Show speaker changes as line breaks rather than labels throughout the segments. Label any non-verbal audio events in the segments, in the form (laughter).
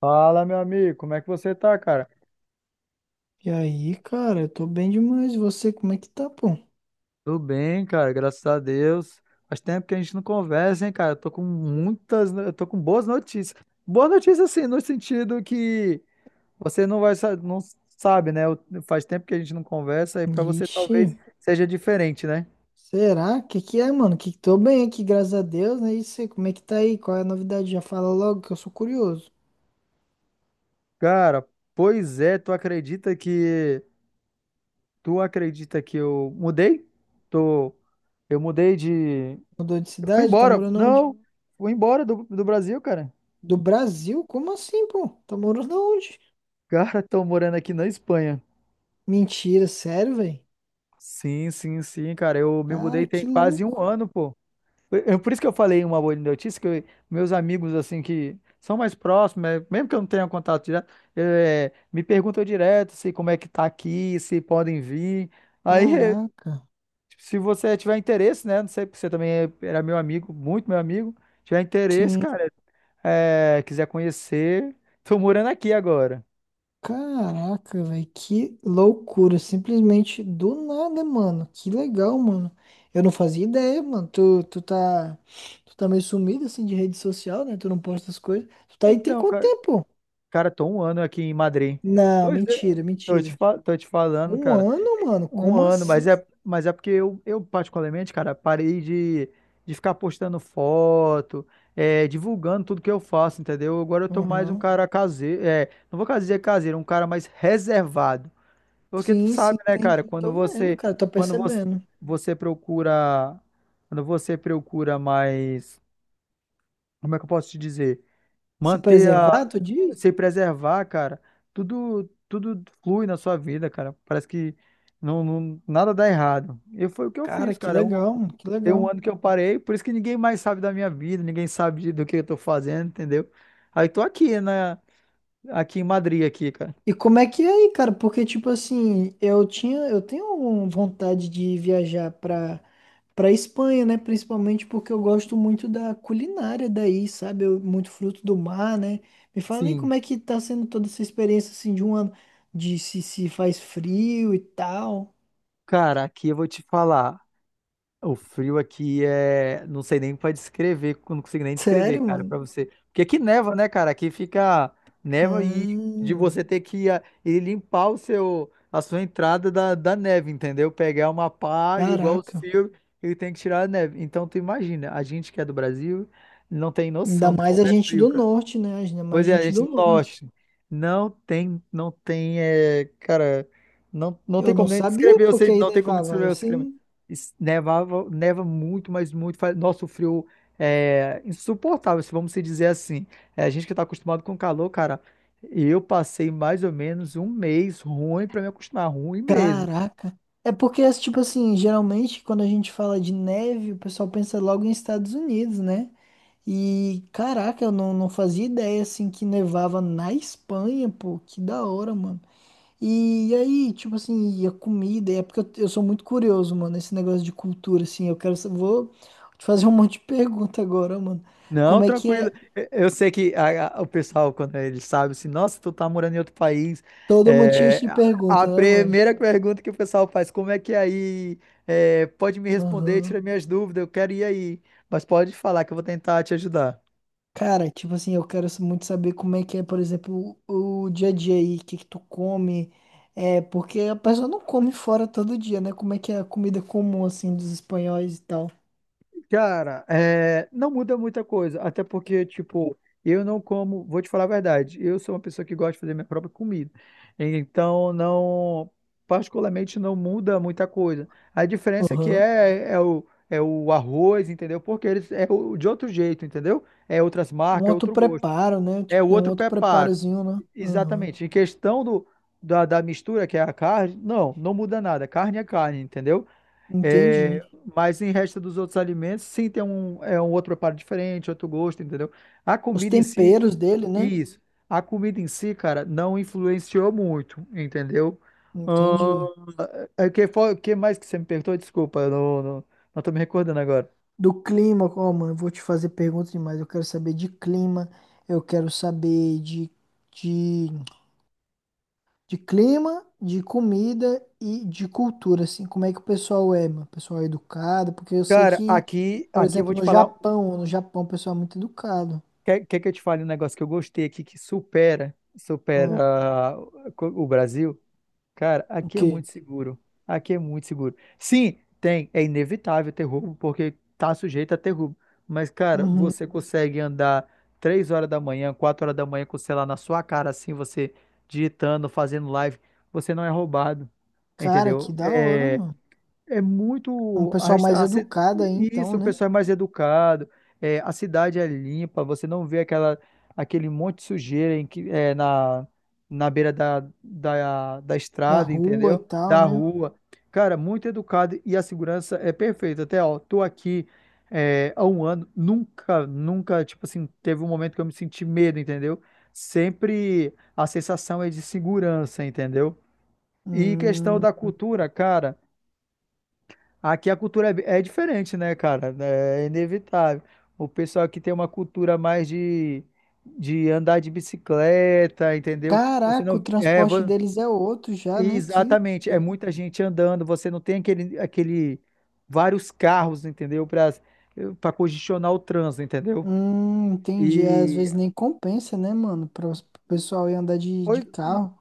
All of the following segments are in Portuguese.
Fala, meu amigo, como é que você tá, cara?
E aí, cara, eu tô bem demais. E você, como é que tá, pô?
Tudo bem, cara, graças a Deus. Faz tempo que a gente não conversa, hein, cara? Eu tô com boas notícias. Boas notícias, assim, no sentido que você não sabe, né? Faz tempo que a gente não conversa e pra você
Ixi,
talvez seja diferente, né?
será? Que é, mano? Que tô bem aqui, graças a Deus, né? E você, como é que tá aí? Qual é a novidade? Já fala logo que eu sou curioso.
Cara, pois é, tu acredita que eu mudei? Tô, eu mudei de,
Mudou de
eu fui
cidade? Tá
embora,
morando onde?
não, fui embora do Brasil, cara.
Do Brasil? Como assim, pô? Tá morando onde?
Cara, tô morando aqui na Espanha.
Mentira, sério, velho?
Sim, sim, sim, cara. Eu me mudei
Cara, que
tem quase um
louco.
ano, pô. Por isso que eu falei uma boa notícia, meus amigos, assim, que são mais próximos, é, mesmo que eu não tenha contato direto, é, me perguntam direto se como é que tá aqui, se podem vir. Aí, (laughs) é,
Caraca.
se você tiver interesse, né? Não sei, porque você também era meu amigo, muito meu amigo. Tiver interesse,
Sim.
cara, é, quiser conhecer, tô morando aqui agora.
Caraca, velho, que loucura, simplesmente do nada, mano. Que legal, mano. Eu não fazia ideia, mano. Tu tá, tu tá meio sumido assim de rede social, né? Tu não posta as coisas. Tu tá aí tem
Então,
quanto
cara.
tempo?
Cara, tô um ano aqui em Madrid.
Não,
Pois é,
mentira,
tô te,
mentira.
fa- tô te falando,
Um
cara.
ano, mano?
Um
Como
ano, mas
assim?
é porque eu particularmente, cara, parei de ficar postando foto, é, divulgando tudo que eu faço, entendeu? Agora eu tô mais um
Aham.
cara caseiro, é, não vou dizer caseiro, um cara mais reservado. Porque tu
Sim, sim,
sabe, né, cara,
entendi. Tô vendo, cara, tô
quando você,
percebendo.
você procura, quando você procura mais, como é que eu posso te dizer?
Se
Manter a
preservar, tu diz?
Se preservar, cara, tudo flui na sua vida, cara. Parece que nada dá errado. E foi o que eu
Cara,
fiz,
que
cara.
legal, mano, que
Tem um
legal.
ano que eu parei, por isso que ninguém mais sabe da minha vida, ninguém sabe do que eu tô fazendo, entendeu? Aí tô aqui, né? Aqui em Madrid, aqui, cara.
E como é que é aí, cara? Porque, tipo assim, eu tenho uma vontade de viajar pra Espanha, né? Principalmente porque eu gosto muito da culinária daí, sabe? Muito fruto do mar, né? Me fala aí
Sim,
como é que tá sendo toda essa experiência, assim, de um ano, de se, se faz frio e tal.
cara, aqui eu vou te falar. O frio aqui é. Não sei nem pra descrever, não consigo
(laughs)
nem descrever,
Sério,
cara,
mano?
pra você. Porque aqui neva, né, cara? Aqui fica neva e de
Ah,
você ter que ir limpar a sua entrada da neve, entendeu? Pegar uma pá, igual os
caraca.
fios, e tem que tirar a neve. Então, tu imagina, a gente que é do Brasil não tem
Ainda
noção de
mais
como
a
é
gente
frio,
do
cara.
norte, né? Ainda mais a
Pois é, a
gente
gente
do
do
norte.
norte. Não tem, é, cara, não
Eu
tem
não
como nem
sabia
descrever, eu sei,
porque aí
não tem como
nevava. Aí
descrever o crime.
sim.
Nevava, neva muito, mas muito, faz, nossa, o frio é insuportável, se vamos se dizer assim. É, a gente que tá acostumado com calor, cara, eu passei mais ou menos um mês ruim para me acostumar, ruim mesmo.
Caraca. É porque, tipo assim, geralmente quando a gente fala de neve, o pessoal pensa logo em Estados Unidos, né? E caraca, eu não, não fazia ideia assim que nevava na Espanha, pô, que da hora, mano. E, aí, tipo assim, e a comida, e é porque eu sou muito curioso, mano, esse negócio de cultura, assim, eu quero, vou te fazer um (laughs) monte de pergunta agora, mano.
Não,
Como é que
tranquilo.
é?
Eu sei que o pessoal, quando ele sabe assim, nossa, tu tá morando em outro país,
Todo mundo tinha
é,
de
a
pergunta, né, mano?
primeira pergunta que o pessoal faz, como é que é aí? É, pode me responder, tira
Aham.
minhas dúvidas, eu quero ir aí. Mas pode falar que eu vou tentar te ajudar.
Cara, tipo assim, eu quero muito saber como é que é, por exemplo, o dia a dia aí, o que que tu come. É, porque a pessoa não come fora todo dia, né? Como é que é a comida comum, assim, dos espanhóis e tal.
Cara, é, não muda muita coisa, até porque, tipo, eu não como, vou te falar a verdade, eu sou uma pessoa que gosta de fazer minha própria comida, então não, particularmente não muda muita coisa. A diferença é que
Aham.
é o arroz, entendeu? Porque eles é o, de outro jeito, entendeu? É outras
Um
marcas, é
outro
outro gosto,
preparo, né?
é
Tipo, tem um
outro
outro
preparo.
preparozinho, né? Aham.
Exatamente. Em questão da mistura, que é a carne, não muda nada. Carne é carne, entendeu?
Entendi.
É, mas em resto dos outros alimentos, sim, tem um, é um outro preparo diferente, outro gosto, entendeu? A
Os
comida em si,
temperos dele, né?
isso. A comida em si, cara, não influenciou muito, entendeu?
Entendi.
Ahn, que mais que você me perguntou? Desculpa, eu não tô me recordando agora.
Do clima, ó, mano, eu vou te fazer perguntas demais. Eu quero saber de clima, eu quero saber de De clima, de comida e de cultura, assim, como é que o pessoal é, mano? O pessoal é educado, porque eu sei
Cara,
que,
aqui,
por
aqui eu vou
exemplo,
te falar.
No Japão o pessoal é muito educado.
Quer que eu te fale um negócio que eu gostei aqui que supera, supera
Hum,
ah, o Brasil? Cara,
o
aqui é
quê?
muito seguro. Aqui é muito seguro. Sim, tem. É inevitável ter roubo, porque tá sujeito a ter roubo. Mas, cara,
Uhum.
você consegue andar 3 horas da manhã, 4 horas da manhã com o celular na sua cara, assim, você digitando, fazendo live. Você não é roubado.
Cara, que
Entendeu?
da hora,
É,
mano.
é
É um
muito. A,
pessoal mais
resta- a ci-
educado aí,
Isso,
então,
o
né?
pessoal é mais educado, é, a cidade é limpa, você não vê aquela, aquele monte de sujeira em que, é, na beira da
Da
estrada,
rua e
entendeu?
tal,
Da
né?
rua. Cara, muito educado e a segurança é perfeita. Até, ó, tô aqui há um ano, nunca, nunca, tipo assim, teve um momento que eu me senti medo, entendeu? Sempre a sensação é de segurança, entendeu? E questão
Hum,
da cultura, cara. Aqui a cultura é diferente, né, cara? É inevitável. O pessoal aqui tem uma cultura mais de andar de bicicleta, entendeu? Você
caraca, o
não.
transporte deles é outro já, né? Que,
Exatamente. É muita gente andando, você não tem aquele, aquele vários carros, entendeu? Para congestionar o trânsito, entendeu?
entendi. É, às
E.
vezes nem compensa, né, mano? Para o pessoal ir andar de
Pois
carro.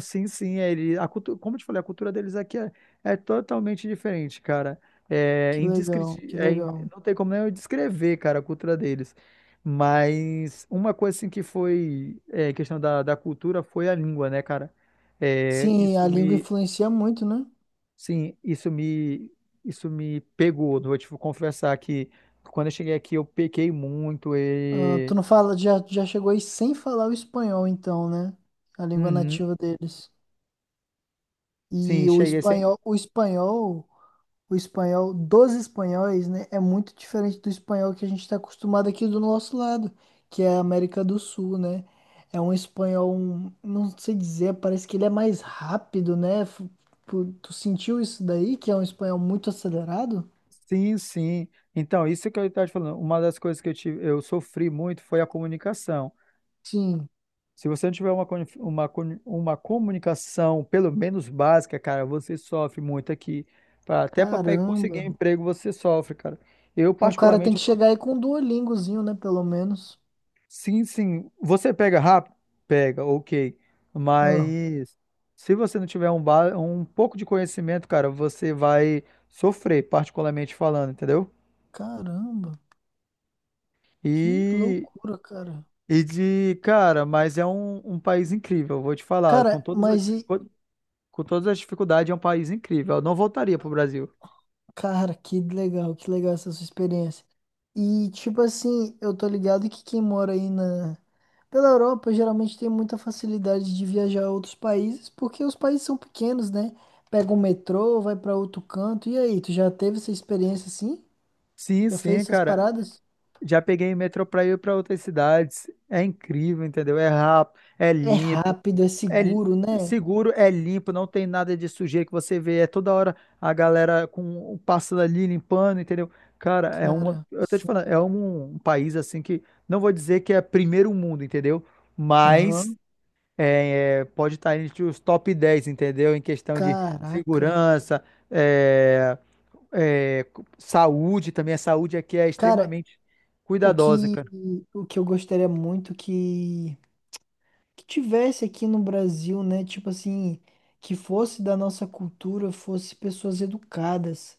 sim, sim, a cultura, como eu te falei, a cultura deles aqui é, é totalmente diferente, cara. É
Que legal,
indescritível,
que legal.
não tem como nem eu descrever, cara, a cultura deles. Mas uma coisa assim que foi é, questão da cultura foi a língua, né, cara? É,
Sim,
isso
a língua
me,
influencia muito, né?
sim, isso me pegou. Vou te confessar que quando eu cheguei aqui eu pequei muito
Ah,
e,
tu não fala, já chegou aí sem falar o espanhol, então, né? A língua
uhum,
nativa deles.
sim,
E o
cheguei sem.
espanhol, o espanhol, o espanhol dos espanhóis, né? É muito diferente do espanhol que a gente está acostumado aqui do nosso lado, que é a América do Sul, né? Não sei dizer, parece que ele é mais rápido, né? Tu sentiu isso daí, que é um espanhol muito acelerado?
Sim, sim. Então, isso que eu estava te falando, uma das coisas que eu tive, eu sofri muito foi a comunicação.
Sim,
Se você não tiver uma comunicação, pelo menos básica, cara, você sofre muito aqui. Pra, até para conseguir
caramba.
um emprego, você sofre, cara. Eu,
Então o cara tem
particularmente,
que
eu sou-
chegar aí com um Duolingozinho, né? Pelo menos.
Sim, sim. Você pega rápido? Pega, ok.
Ah,
Mas se você não tiver um pouco de conhecimento, cara, você vai sofrer, particularmente falando, entendeu?
caramba, que
E
loucura, cara.
Cara, mas é um país incrível, vou te falar. Com
Cara,
todas as,
mas e.
com com todas as dificuldades, é um país incrível. Eu não voltaria pro Brasil.
Cara, que legal essa sua experiência. E, tipo assim, eu tô ligado que quem mora aí na. Pela Europa, geralmente tem muita facilidade de viajar a outros países, porque os países são pequenos, né? Pega um metrô, vai pra outro canto. E aí, tu já teve essa experiência assim?
Sim,
Já fez
sim,
essas
cara.
paradas?
Já peguei metrô pra ir pra outras cidades. É incrível, entendeu? É rápido, é
É
limpo,
rápido, é
é li-
seguro, né?
seguro, é limpo, não tem nada de sujeira que você vê. É toda hora a galera com passando ali, limpando, entendeu? Cara, é uma.
Cara,
Eu tô te falando,
sim.
é um país assim que. Não vou dizer que é primeiro mundo, entendeu? Mas.
Aham.
É, é, pode estar entre os top 10, entendeu? Em questão de
Caraca.
segurança, é, é, saúde também. A saúde aqui é
Cara,
extremamente
o
cuidadosa,
que,
cara.
o que eu gostaria muito que tivesse aqui no Brasil, né? Tipo assim, que fosse da nossa cultura, fosse pessoas educadas,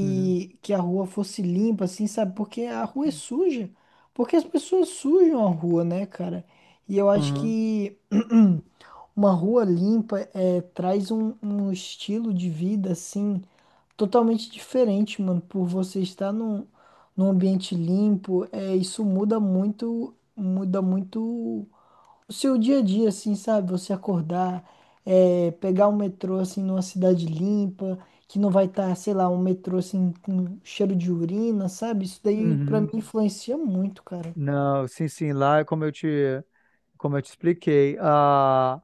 Uhum,
que a rua fosse limpa, assim, sabe? Porque a rua é suja. Porque as pessoas sujam a rua, né, cara? E eu acho
uhum,
que (clears throat) uma rua limpa é, traz um, um estilo de vida, assim, totalmente diferente, mano, por você estar num ambiente limpo, é, isso muda muito o seu dia a dia, assim, sabe? Você acordar, é, pegar um metrô, assim, numa cidade limpa, que não vai estar, sei lá, um metrô, assim, com cheiro de urina, sabe? Isso daí, pra mim,
uhum.
influencia muito, cara.
Não, sim, sim, lá, como eu te expliquei, a,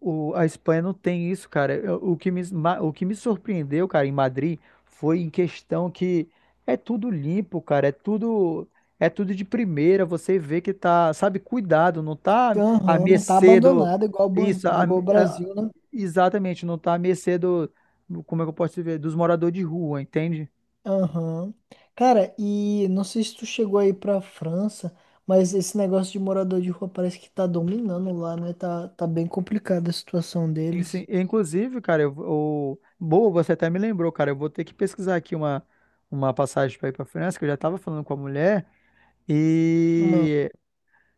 O- a Espanha não tem isso, cara. O que me surpreendeu, cara, em Madrid foi em questão que é tudo limpo, cara. É tudo de primeira. Você vê que tá, sabe, cuidado, não tá à
Aham, não tá
mercê do.
abandonado igual,
Isso,
igual o
a-
Brasil, né?
exatamente, não tá à mercê do. Como é que eu posso dizer? Dos moradores de rua, entende?
Aham. Cara, e não sei se tu chegou aí pra França, mas esse negócio de morador de rua parece que tá dominando lá, né? Tá, tá bem complicada a situação
Sim, sim.
deles.
Inclusive, cara, eu, o, boa, você até me lembrou, cara. Eu vou ter que pesquisar aqui uma passagem para ir para França, que eu já estava falando com a mulher.
Hum.
E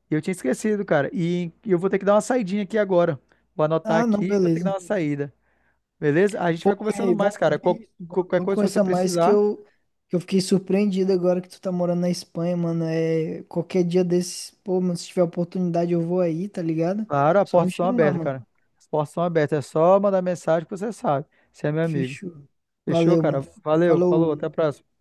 eu tinha esquecido, cara. E eu vou ter que dar uma saidinha aqui agora. Vou anotar
Ah, não,
aqui e vou ter que dar
beleza.
uma saída. Beleza? A gente
Pô,
vai conversando
ei,
mais,
vamos,
cara.
isso, mano,
Qualquer
vamos
coisa que você
conversar mais
precisar,
que eu fiquei surpreendido agora que tu tá morando na Espanha, mano. É, qualquer dia desses, pô, mano, se tiver oportunidade eu vou aí, tá ligado?
claro, as
Só me
portas são
chamar,
abertas,
mano.
cara. As portas são abertas. É só mandar mensagem que você sabe. Você é meu amigo.
Fechou.
Fechou,
Valeu,
cara?
mano.
Valeu, falou,
Falou.
até a próxima.